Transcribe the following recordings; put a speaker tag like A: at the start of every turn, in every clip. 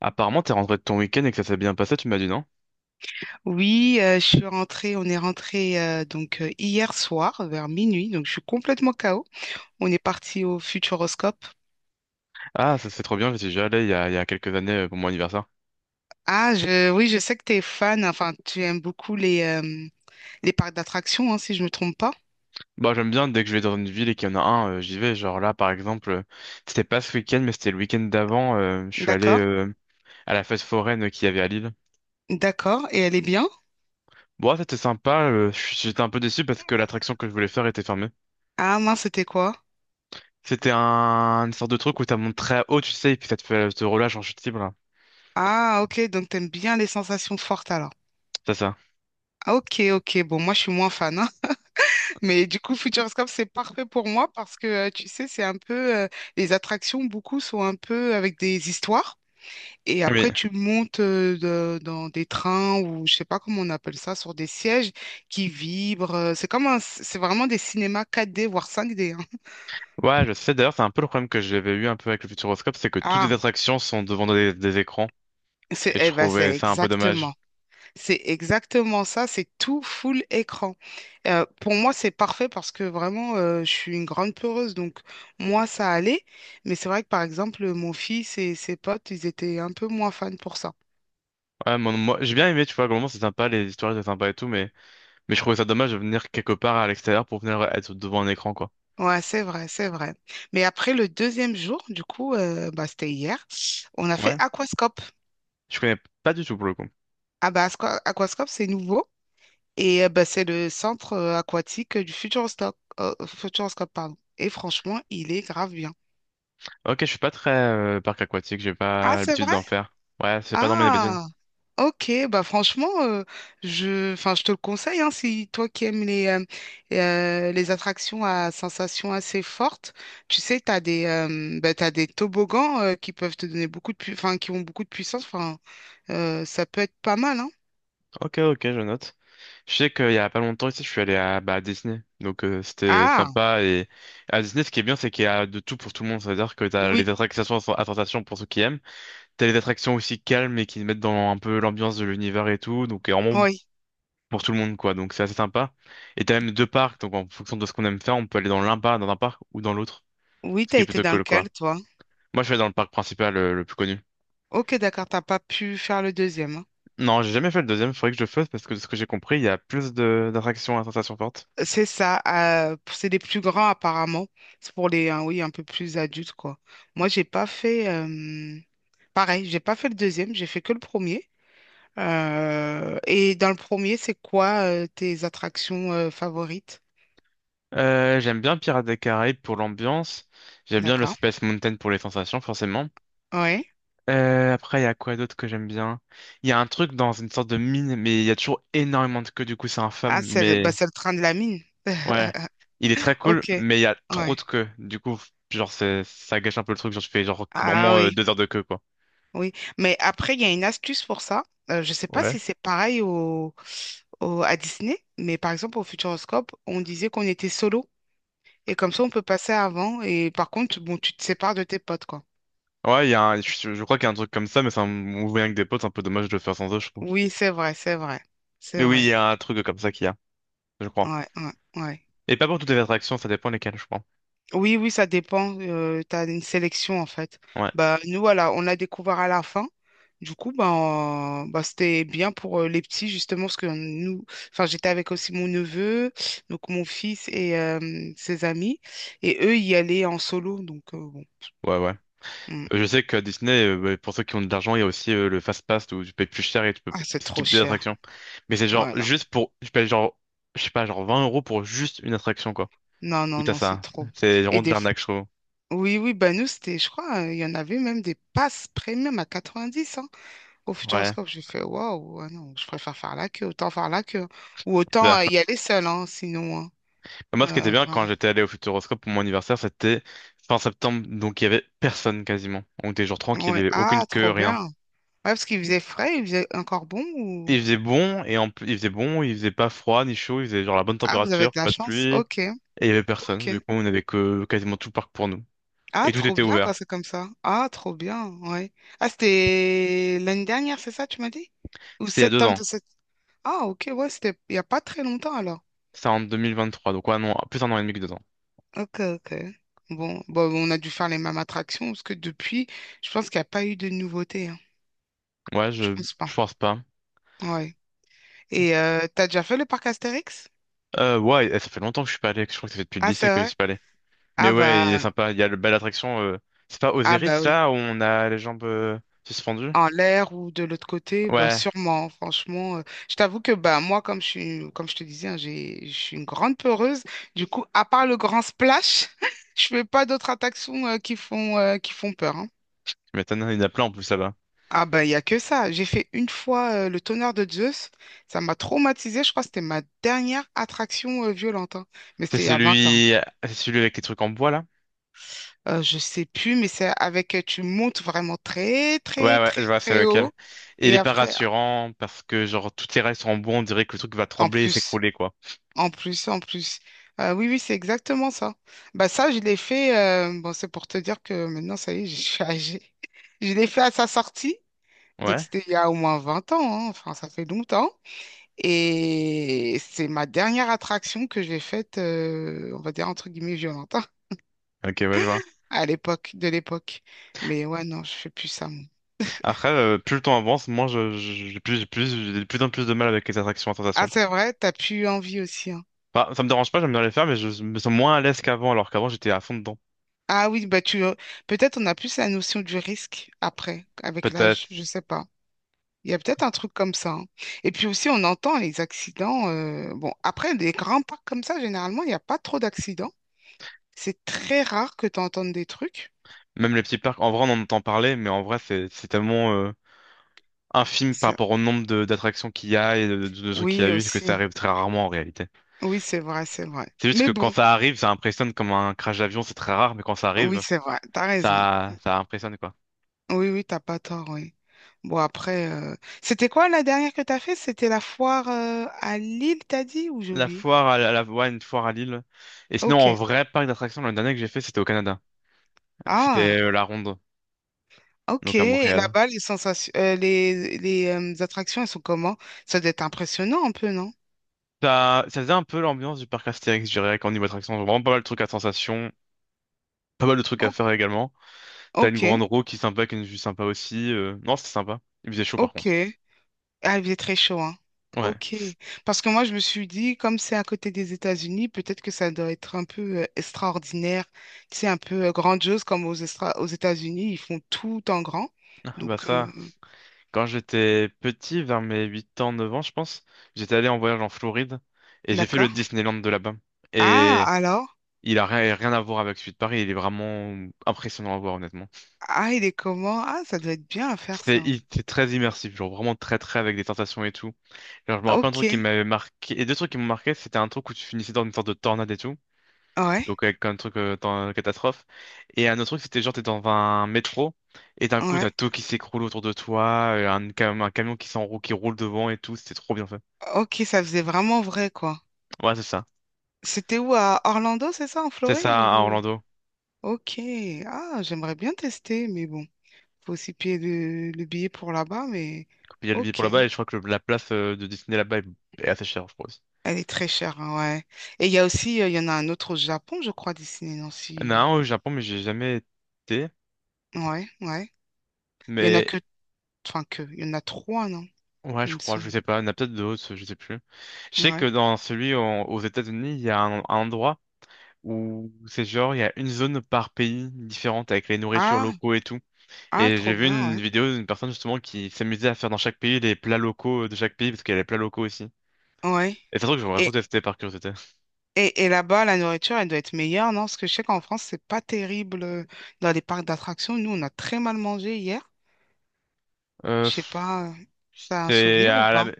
A: Apparemment, t'es rentré de ton week-end et que ça s'est bien passé, tu m'as dit non?
B: Oui, je suis rentrée, on est rentré donc hier soir vers minuit, donc je suis complètement KO. On est parti au Futuroscope.
A: Ah, ça c'est trop bien, j'y suis déjà allé il y a quelques années pour mon anniversaire.
B: Ah, oui, je sais que tu es fan, enfin tu aimes beaucoup les parcs d'attractions, hein, si je me trompe pas.
A: Bah, j'aime bien, dès que je vais dans une ville et qu'il y en a un, j'y vais. Genre là, par exemple, c'était pas ce week-end, mais c'était le week-end d'avant, je suis allé
B: D'accord,
A: à la fête foraine qu'il y avait à Lille.
B: d'accord, et elle est bien?
A: Bon, ouais, c'était sympa, j'étais un peu déçu parce que l'attraction que je voulais faire était fermée.
B: Ah mince, c'était quoi?
A: C'était une sorte de truc où t'as monté très haut, tu sais, et puis ça te fait te relâche en chute libre, là.
B: Ah ok, donc t'aimes bien les sensations fortes alors.
A: C'est ça.
B: Ah, ok, ok, bon, moi je suis moins fan, hein. Mais du coup, Futuroscope, c'est parfait pour moi parce que, tu sais, les attractions, beaucoup sont un peu avec des histoires. Et
A: Oui.
B: après, tu montes dans des trains ou je sais pas comment on appelle ça, sur des sièges qui vibrent. C'est comme c'est vraiment des cinémas 4D, voire 5D, hein.
A: Ouais, je sais. D'ailleurs, c'est un peu le problème que j'avais eu un peu avec le Futuroscope, c'est que toutes les
B: Ah,
A: attractions sont devant des écrans. Et je
B: eh ben,
A: trouvais
B: c'est
A: ça un peu
B: exactement.
A: dommage.
B: C'est exactement ça. C'est tout full écran. Pour moi, c'est parfait parce que vraiment, je suis une grande peureuse. Donc, moi, ça allait. Mais c'est vrai que, par exemple, mon fils et ses potes, ils étaient un peu moins fans pour ça.
A: Ouais, moi, j'ai bien aimé, tu vois, globalement, c'est sympa, les histoires étaient sympas et tout, mais je trouvais ça dommage de venir quelque part à l'extérieur pour venir être devant un écran, quoi.
B: Ouais, c'est vrai, c'est vrai. Mais après le deuxième jour, du coup, bah, c'était hier, on a fait
A: Ouais.
B: aquascope.
A: Je connais pas du tout pour le coup.
B: Ah bah aquascope, c'est nouveau et bah, c'est le centre aquatique du Futuroscope, Futuroscope, pardon. Et franchement, il est grave bien.
A: Ok, je suis pas très parc aquatique, j'ai
B: Ah,
A: pas
B: c'est
A: l'habitude
B: vrai?
A: d'en faire. Ouais, c'est pas dans mes habitudes.
B: Ah. Ok, bah franchement, enfin, je te le conseille, hein, si toi qui aimes les attractions à sensations assez fortes, tu sais, t'as des toboggans qui peuvent te donner beaucoup de, enfin, qui ont beaucoup de puissance, enfin, ça peut être pas mal, hein.
A: Ok, ok, je note. Je sais qu'il y a pas longtemps ici, je suis allé bah, à Disney, donc c'était
B: Ah,
A: sympa. Et à Disney, ce qui est bien, c'est qu'il y a de tout pour tout le monde, c'est-à-dire que t'as les
B: oui,
A: attractions à sensation pour ceux qui aiment. T'as des attractions aussi calmes et qui mettent dans un peu l'ambiance de l'univers et tout, donc vraiment
B: oui,
A: pour tout le monde quoi, donc c'est assez sympa. Et t'as même deux parcs, donc en fonction de ce qu'on aime faire, on peut aller dans un parc ou dans l'autre,
B: oui,
A: ce
B: t'as
A: qui est
B: été
A: plutôt
B: dans
A: cool
B: lequel,
A: quoi.
B: toi?
A: Moi je vais dans le parc principal le plus connu.
B: Ok, d'accord, t'as pas pu faire le deuxième, hein.
A: Non, j'ai jamais fait le deuxième, faudrait que je le fasse parce que de ce que j'ai compris, il y a plus de d'attractions à sensation forte.
B: C'est ça, c'est les plus grands apparemment. C'est pour oui, un peu plus adultes, quoi. Moi, j'ai pas fait. Pareil, j'ai pas fait le deuxième, j'ai fait que le premier. Et dans le premier, c'est quoi tes attractions favorites?
A: J'aime bien Pirates des Caraïbes pour l'ambiance. J'aime bien le
B: D'accord.
A: Space Mountain pour les sensations, forcément.
B: Ouais.
A: Après, il y a quoi d'autre que j'aime bien? Il y a un truc dans une sorte de mine, mais il y a toujours énormément de queues, du coup, c'est
B: Ah,
A: infâme,
B: bah,
A: mais
B: c'est le train de la mine.
A: ouais. Il est très cool,
B: Ok.
A: mais il y a trop de
B: Ouais.
A: queues. Du coup, genre, ça gâche un peu le truc. Genre, je fais genre
B: Ah
A: vraiment
B: oui,
A: 2 heures de queue, quoi.
B: oui. Mais après, il y a une astuce pour ça. Je ne sais pas
A: Ouais.
B: si c'est pareil à Disney, mais par exemple au Futuroscope, on disait qu'on était solo. Et comme ça, on peut passer avant. Et par contre, bon, tu te sépares de tes potes, quoi.
A: Ouais, il y a je crois qu'il y a un truc comme ça, mais c'est un mouvement avec des potes, c'est un peu dommage de le faire sans eux, je trouve.
B: Oui, c'est vrai, c'est vrai. C'est
A: Mais oui, il
B: vrai.
A: y a un truc comme ça qu'il y a, je crois.
B: Ouais, ouais, ouais.
A: Et pas pour toutes les attractions, ça dépend lesquelles, je crois.
B: Oui, oui, ça dépend. Tu as une sélection en fait.
A: Ouais.
B: Bah, nous, voilà, on a découvert à la fin. Du coup, ben, c'était bien pour les petits, justement, parce que nous, enfin, j'étais avec aussi mon neveu, donc mon fils et ses amis. Et eux, y allaient en solo. Donc, bon.
A: Ouais, ouais.
B: Mm.
A: Je sais qu'à Disney, bah, pour ceux qui ont de l'argent, il y a aussi le Fast Pass où tu payes plus cher et tu peux
B: Ah, c'est trop
A: skip des
B: cher.
A: attractions. Mais c'est genre
B: Voilà.
A: juste pour, tu payes genre, je sais pas, genre 20 € pour juste une attraction, quoi.
B: Non,
A: Ou
B: non,
A: t'as
B: non, c'est
A: ça.
B: trop.
A: C'est
B: Et
A: vraiment de
B: des...
A: l'arnaque, je trouve.
B: Oui, oui, bah, nous, c'était, je crois, il y en avait même des passes premium à 90. Au
A: Ouais,
B: Futuroscope, j'ai fait waouh, ah non, je préfère faire la queue, autant faire la queue. Ou
A: c'est
B: autant
A: ça.
B: y aller seul, hein, sinon, hein.
A: Moi, ce qui était bien
B: Vraiment.
A: quand j'étais allé au Futuroscope pour mon anniversaire, c'était fin septembre, donc il y avait personne quasiment. On était genre tranquille, il y
B: Ouais.
A: avait aucune
B: Ah,
A: queue,
B: trop
A: rien.
B: bien. Ouais, parce qu'il faisait frais, il faisait encore bon ou...
A: Il faisait bon, et en plus, il faisait bon, il faisait pas froid ni chaud, il faisait genre la bonne
B: Ah, vous avez
A: température,
B: de la
A: pas de
B: chance.
A: pluie, et
B: Ok,
A: il y avait personne. Du
B: ok.
A: coup, on avait que quasiment tout le parc pour nous.
B: Ah,
A: Et tout
B: trop
A: était
B: bien
A: ouvert.
B: quand c'est comme ça. Ah, trop bien, ouais. Ah,
A: C'était
B: c'était l'année dernière, c'est ça, tu m'as dit? Ou
A: il y a deux
B: septembre
A: ans.
B: de cette... Ah, ok, ouais, c'était il n'y a pas très longtemps alors.
A: C'est en 2023. Donc ouais, non, plus un an et demi que 2 ans.
B: Ok, ok. Bon, bon, on a dû faire les mêmes attractions parce que depuis, je pense qu'il n'y a pas eu de nouveautés, hein.
A: Ouais,
B: Je
A: je,
B: pense pas.
A: je pense pas.
B: Ouais. Et t'as déjà fait le parc Astérix?
A: Ouais, ça fait longtemps que je suis pas allé. Je crois que ça fait depuis le
B: Ah,
A: lycée
B: c'est
A: que je
B: vrai?
A: suis pas allé. Mais
B: Ah
A: ouais, il est
B: bah,
A: sympa. Il y a le belle attraction. C'est pas
B: ah bah
A: Osiris
B: oui.
A: là où on a les jambes suspendues?
B: En l'air ou de l'autre côté, bah
A: Ouais,
B: sûrement, franchement. Je t'avoue que bah moi, comme je suis, comme je te disais, hein, je suis une grande peureuse. Du coup, à part le grand splash, je fais pas d'autres attractions qui font peur, hein.
A: tu m'étonnes. Il y en a plein en plus là-bas.
B: Ah ben il y a que ça. J'ai fait une fois le tonnerre de Zeus. Ça m'a traumatisée. Je crois que c'était ma dernière attraction violente, hein. Mais
A: C'est
B: c'était il y a 20 ans.
A: celui, c'est celui avec les trucs en bois là?
B: Je sais plus, mais tu montes vraiment très,
A: Ouais,
B: très,
A: ouais, je
B: très,
A: vois, c'est
B: très
A: lequel.
B: haut.
A: Et il
B: Et
A: est pas
B: après,
A: rassurant parce que genre toutes les rails sont en bois, on dirait que le truc va
B: en
A: trembler et
B: plus,
A: s'écrouler quoi.
B: en plus, en plus. Oui, oui, c'est exactement ça. Bah, ça, je l'ai fait, bon, c'est pour te dire que maintenant, ça y est, je suis âgée. Je l'ai fait à sa sortie. Donc,
A: Ouais,
B: c'était il y a au moins 20 ans, hein. Enfin, ça fait longtemps. Et c'est ma dernière attraction que j'ai faite, on va dire, entre guillemets, violente, hein,
A: ok, ouais, je vois.
B: à l'époque, de l'époque. Mais ouais, non, je fais plus ça.
A: Après, plus le temps avance, moins j'ai de plus en plus de mal avec les attractions à
B: Ah,
A: sensations.
B: c'est vrai, t'as plus eu envie aussi, hein.
A: Enfin, ça me dérange pas, j'aime bien les faire, mais je me sens moins à l'aise qu'avant, alors qu'avant j'étais à fond dedans.
B: Ah oui, bah tu peut-être on a plus la notion du risque après, avec l'âge, je
A: Peut-être
B: sais pas. Il y a peut-être un truc comme ça, hein. Et puis aussi, on entend les accidents. Bon, après, des grands parcs comme ça, généralement, il n'y a pas trop d'accidents. C'est très rare que tu entendes des trucs.
A: même les petits parcs. En vrai, on en entend parler, mais en vrai, c'est tellement infime par
B: Ça-
A: rapport au nombre de d'attractions qu'il y a et de trucs qu'il y a
B: Oui,
A: eu que ça
B: aussi.
A: arrive très rarement en réalité.
B: Oui, c'est vrai, c'est vrai.
A: C'est juste
B: Mais
A: que
B: bon,
A: quand ça arrive, ça impressionne comme un crash d'avion, c'est très rare, mais quand ça
B: oui,
A: arrive,
B: c'est vrai, t'as raison.
A: ça impressionne quoi.
B: Oui, oui, t'as pas tort, oui. Bon, après, c'était quoi la dernière que t'as fait? C'était la foire à Lille, t'as dit, ou j'ai
A: La
B: oublié?
A: foire à la, la, Ouais, une foire à Lille. Et sinon,
B: Ok.
A: en vrai parc d'attractions, l'année dernière que j'ai fait, c'était au Canada. C'était
B: Ah,
A: la Ronde,
B: ok.
A: donc à
B: Et
A: Montréal.
B: là-bas, les sensations, les attractions, elles sont comment? Ça doit être impressionnant un peu, non?
A: Ça faisait un peu l'ambiance du parc Astérix, je dirais, qu'en niveau attraction. Vraiment pas mal de trucs à sensation, pas mal de trucs
B: O-
A: à faire également. T'as une
B: ok,
A: grande roue qui est sympa, qui est une vue sympa aussi. Non, c'était sympa. Il faisait chaud par
B: ok.
A: contre.
B: Ah, il est très chaud, hein.
A: Ouais,
B: Ok. Parce que moi, je me suis dit, comme c'est à côté des États-Unis, peut-être que ça doit être un peu extraordinaire. C'est un peu grandiose, comme aux États-Unis, ils font tout en grand.
A: ah, bah
B: Donc,
A: ça, quand j'étais petit, vers mes 8 ans, 9 ans, je pense, j'étais allé en voyage en Floride et j'ai fait le
B: d'accord.
A: Disneyland de là-bas.
B: Ah,
A: Et
B: alors?
A: il a rien, rien à voir avec celui de Paris, il est vraiment impressionnant à voir, honnêtement.
B: Ah, il est comment? Ah, ça doit être bien à faire
A: C'était
B: ça.
A: il était très immersif, genre vraiment très très avec des tentations et tout. Genre, je me rappelle un
B: Ok.
A: truc qui m'avait marqué, et deux trucs qui m'ont marqué, c'était un truc où tu finissais dans une sorte de tornade et tout,
B: Ouais,
A: donc avec un truc dans catastrophe, et un autre truc c'était genre t'es dans un métro, et d'un coup
B: ouais.
A: t'as tout qui s'écroule autour de toi, un camion qui s'enroule, qui roule devant et tout, c'était trop bien fait.
B: Ok, ça faisait vraiment vrai, quoi.
A: Ouais, c'est ça.
B: C'était où, à Orlando, c'est ça, en
A: C'est
B: Floride
A: ça à
B: ou...
A: Orlando.
B: Ok, ah, j'aimerais bien tester, mais bon, faut aussi payer le billet pour là-bas, mais
A: Puis il y a le billet pour
B: ok,
A: là-bas, et je crois que la place de Disney là-bas est assez chère, je pense.
B: elle est très chère, hein, ouais. Et il y a aussi, il y en a un autre au Japon, je crois, Disney, non,
A: Il y en a
B: si...
A: un au Japon, mais j'ai jamais été,
B: Ouais, ouais. Il y en a
A: mais
B: que, enfin que, il y en a trois, non,
A: ouais,
B: il
A: je
B: me
A: crois, je
B: semble.
A: sais pas, il y en a peut-être d'autres, je sais plus. Je sais que
B: Ouais.
A: dans celui aux États-Unis, il y a un endroit où c'est genre, il y a une zone par pays différente avec les nourritures
B: Ah,
A: locaux et tout.
B: ah,
A: Et j'ai
B: trop
A: vu
B: bien,
A: une
B: ouais.
A: vidéo d'une personne justement qui s'amusait à faire dans chaque pays les plats locaux de chaque pays parce qu'il y a les plats locaux aussi.
B: Ouais.
A: Et c'est un truc que j'aimerais trop
B: et
A: tester par curiosité.
B: et là-bas, la nourriture, elle doit être meilleure, non? Parce que je sais qu'en France, c'est pas terrible dans les parcs d'attractions. Nous, on a très mal mangé hier. Je sais
A: Pff,
B: pas, t'as un
A: c'est
B: souvenir ou
A: à
B: pas?
A: la...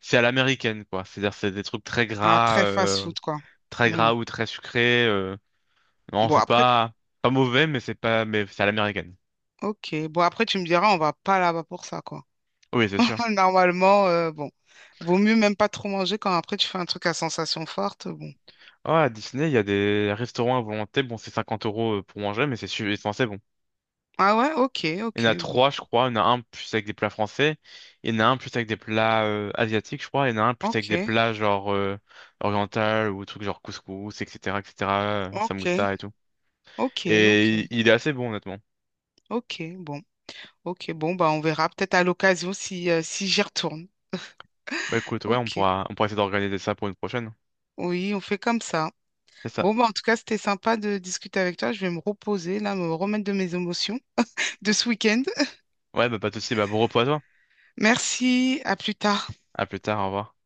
A: C'est à l'américaine quoi. C'est-à-dire c'est des trucs
B: Ah, très fast-food, quoi.
A: très
B: Hmm.
A: gras ou très sucrés. Non,
B: Bon,
A: c'est
B: après,
A: pas mauvais, mais c'est pas, mais c'est à l'américaine.
B: ok. Bon, après, tu me diras, on va pas là-bas pour ça, quoi.
A: Oui, c'est sûr.
B: Normalement, bon, vaut mieux même pas trop manger quand après tu fais un truc à sensation forte. Bon.
A: Ah à Disney, il y a des restaurants à volonté. Bon, c'est 50 € pour manger, mais c'est censé
B: Ah ouais, ok,
A: Il y en a
B: ok, bon.
A: trois, je crois. Il y en a un plus avec des plats français. Il y en a un plus avec des plats asiatiques, je crois. Il y en a un plus avec
B: Ok,
A: des plats genre oriental ou trucs genre couscous, etc., etc.,
B: ok,
A: samoussa et tout.
B: ok, ok,
A: Et il est assez bon, honnêtement.
B: ok, bon. Ok, bon, bah on verra peut-être à l'occasion si j'y retourne.
A: Bah écoute, ouais,
B: Ok.
A: on pourra essayer d'organiser ça pour une prochaine.
B: Oui, on fait comme ça.
A: C'est ça.
B: Bon, bah, en tout cas, c'était sympa de discuter avec toi. Je vais me reposer, là, me remettre de mes émotions de ce week-end.
A: Ouais, bah pas de souci. Bah bon repos à toi.
B: Merci, à plus tard.
A: À plus tard, au revoir.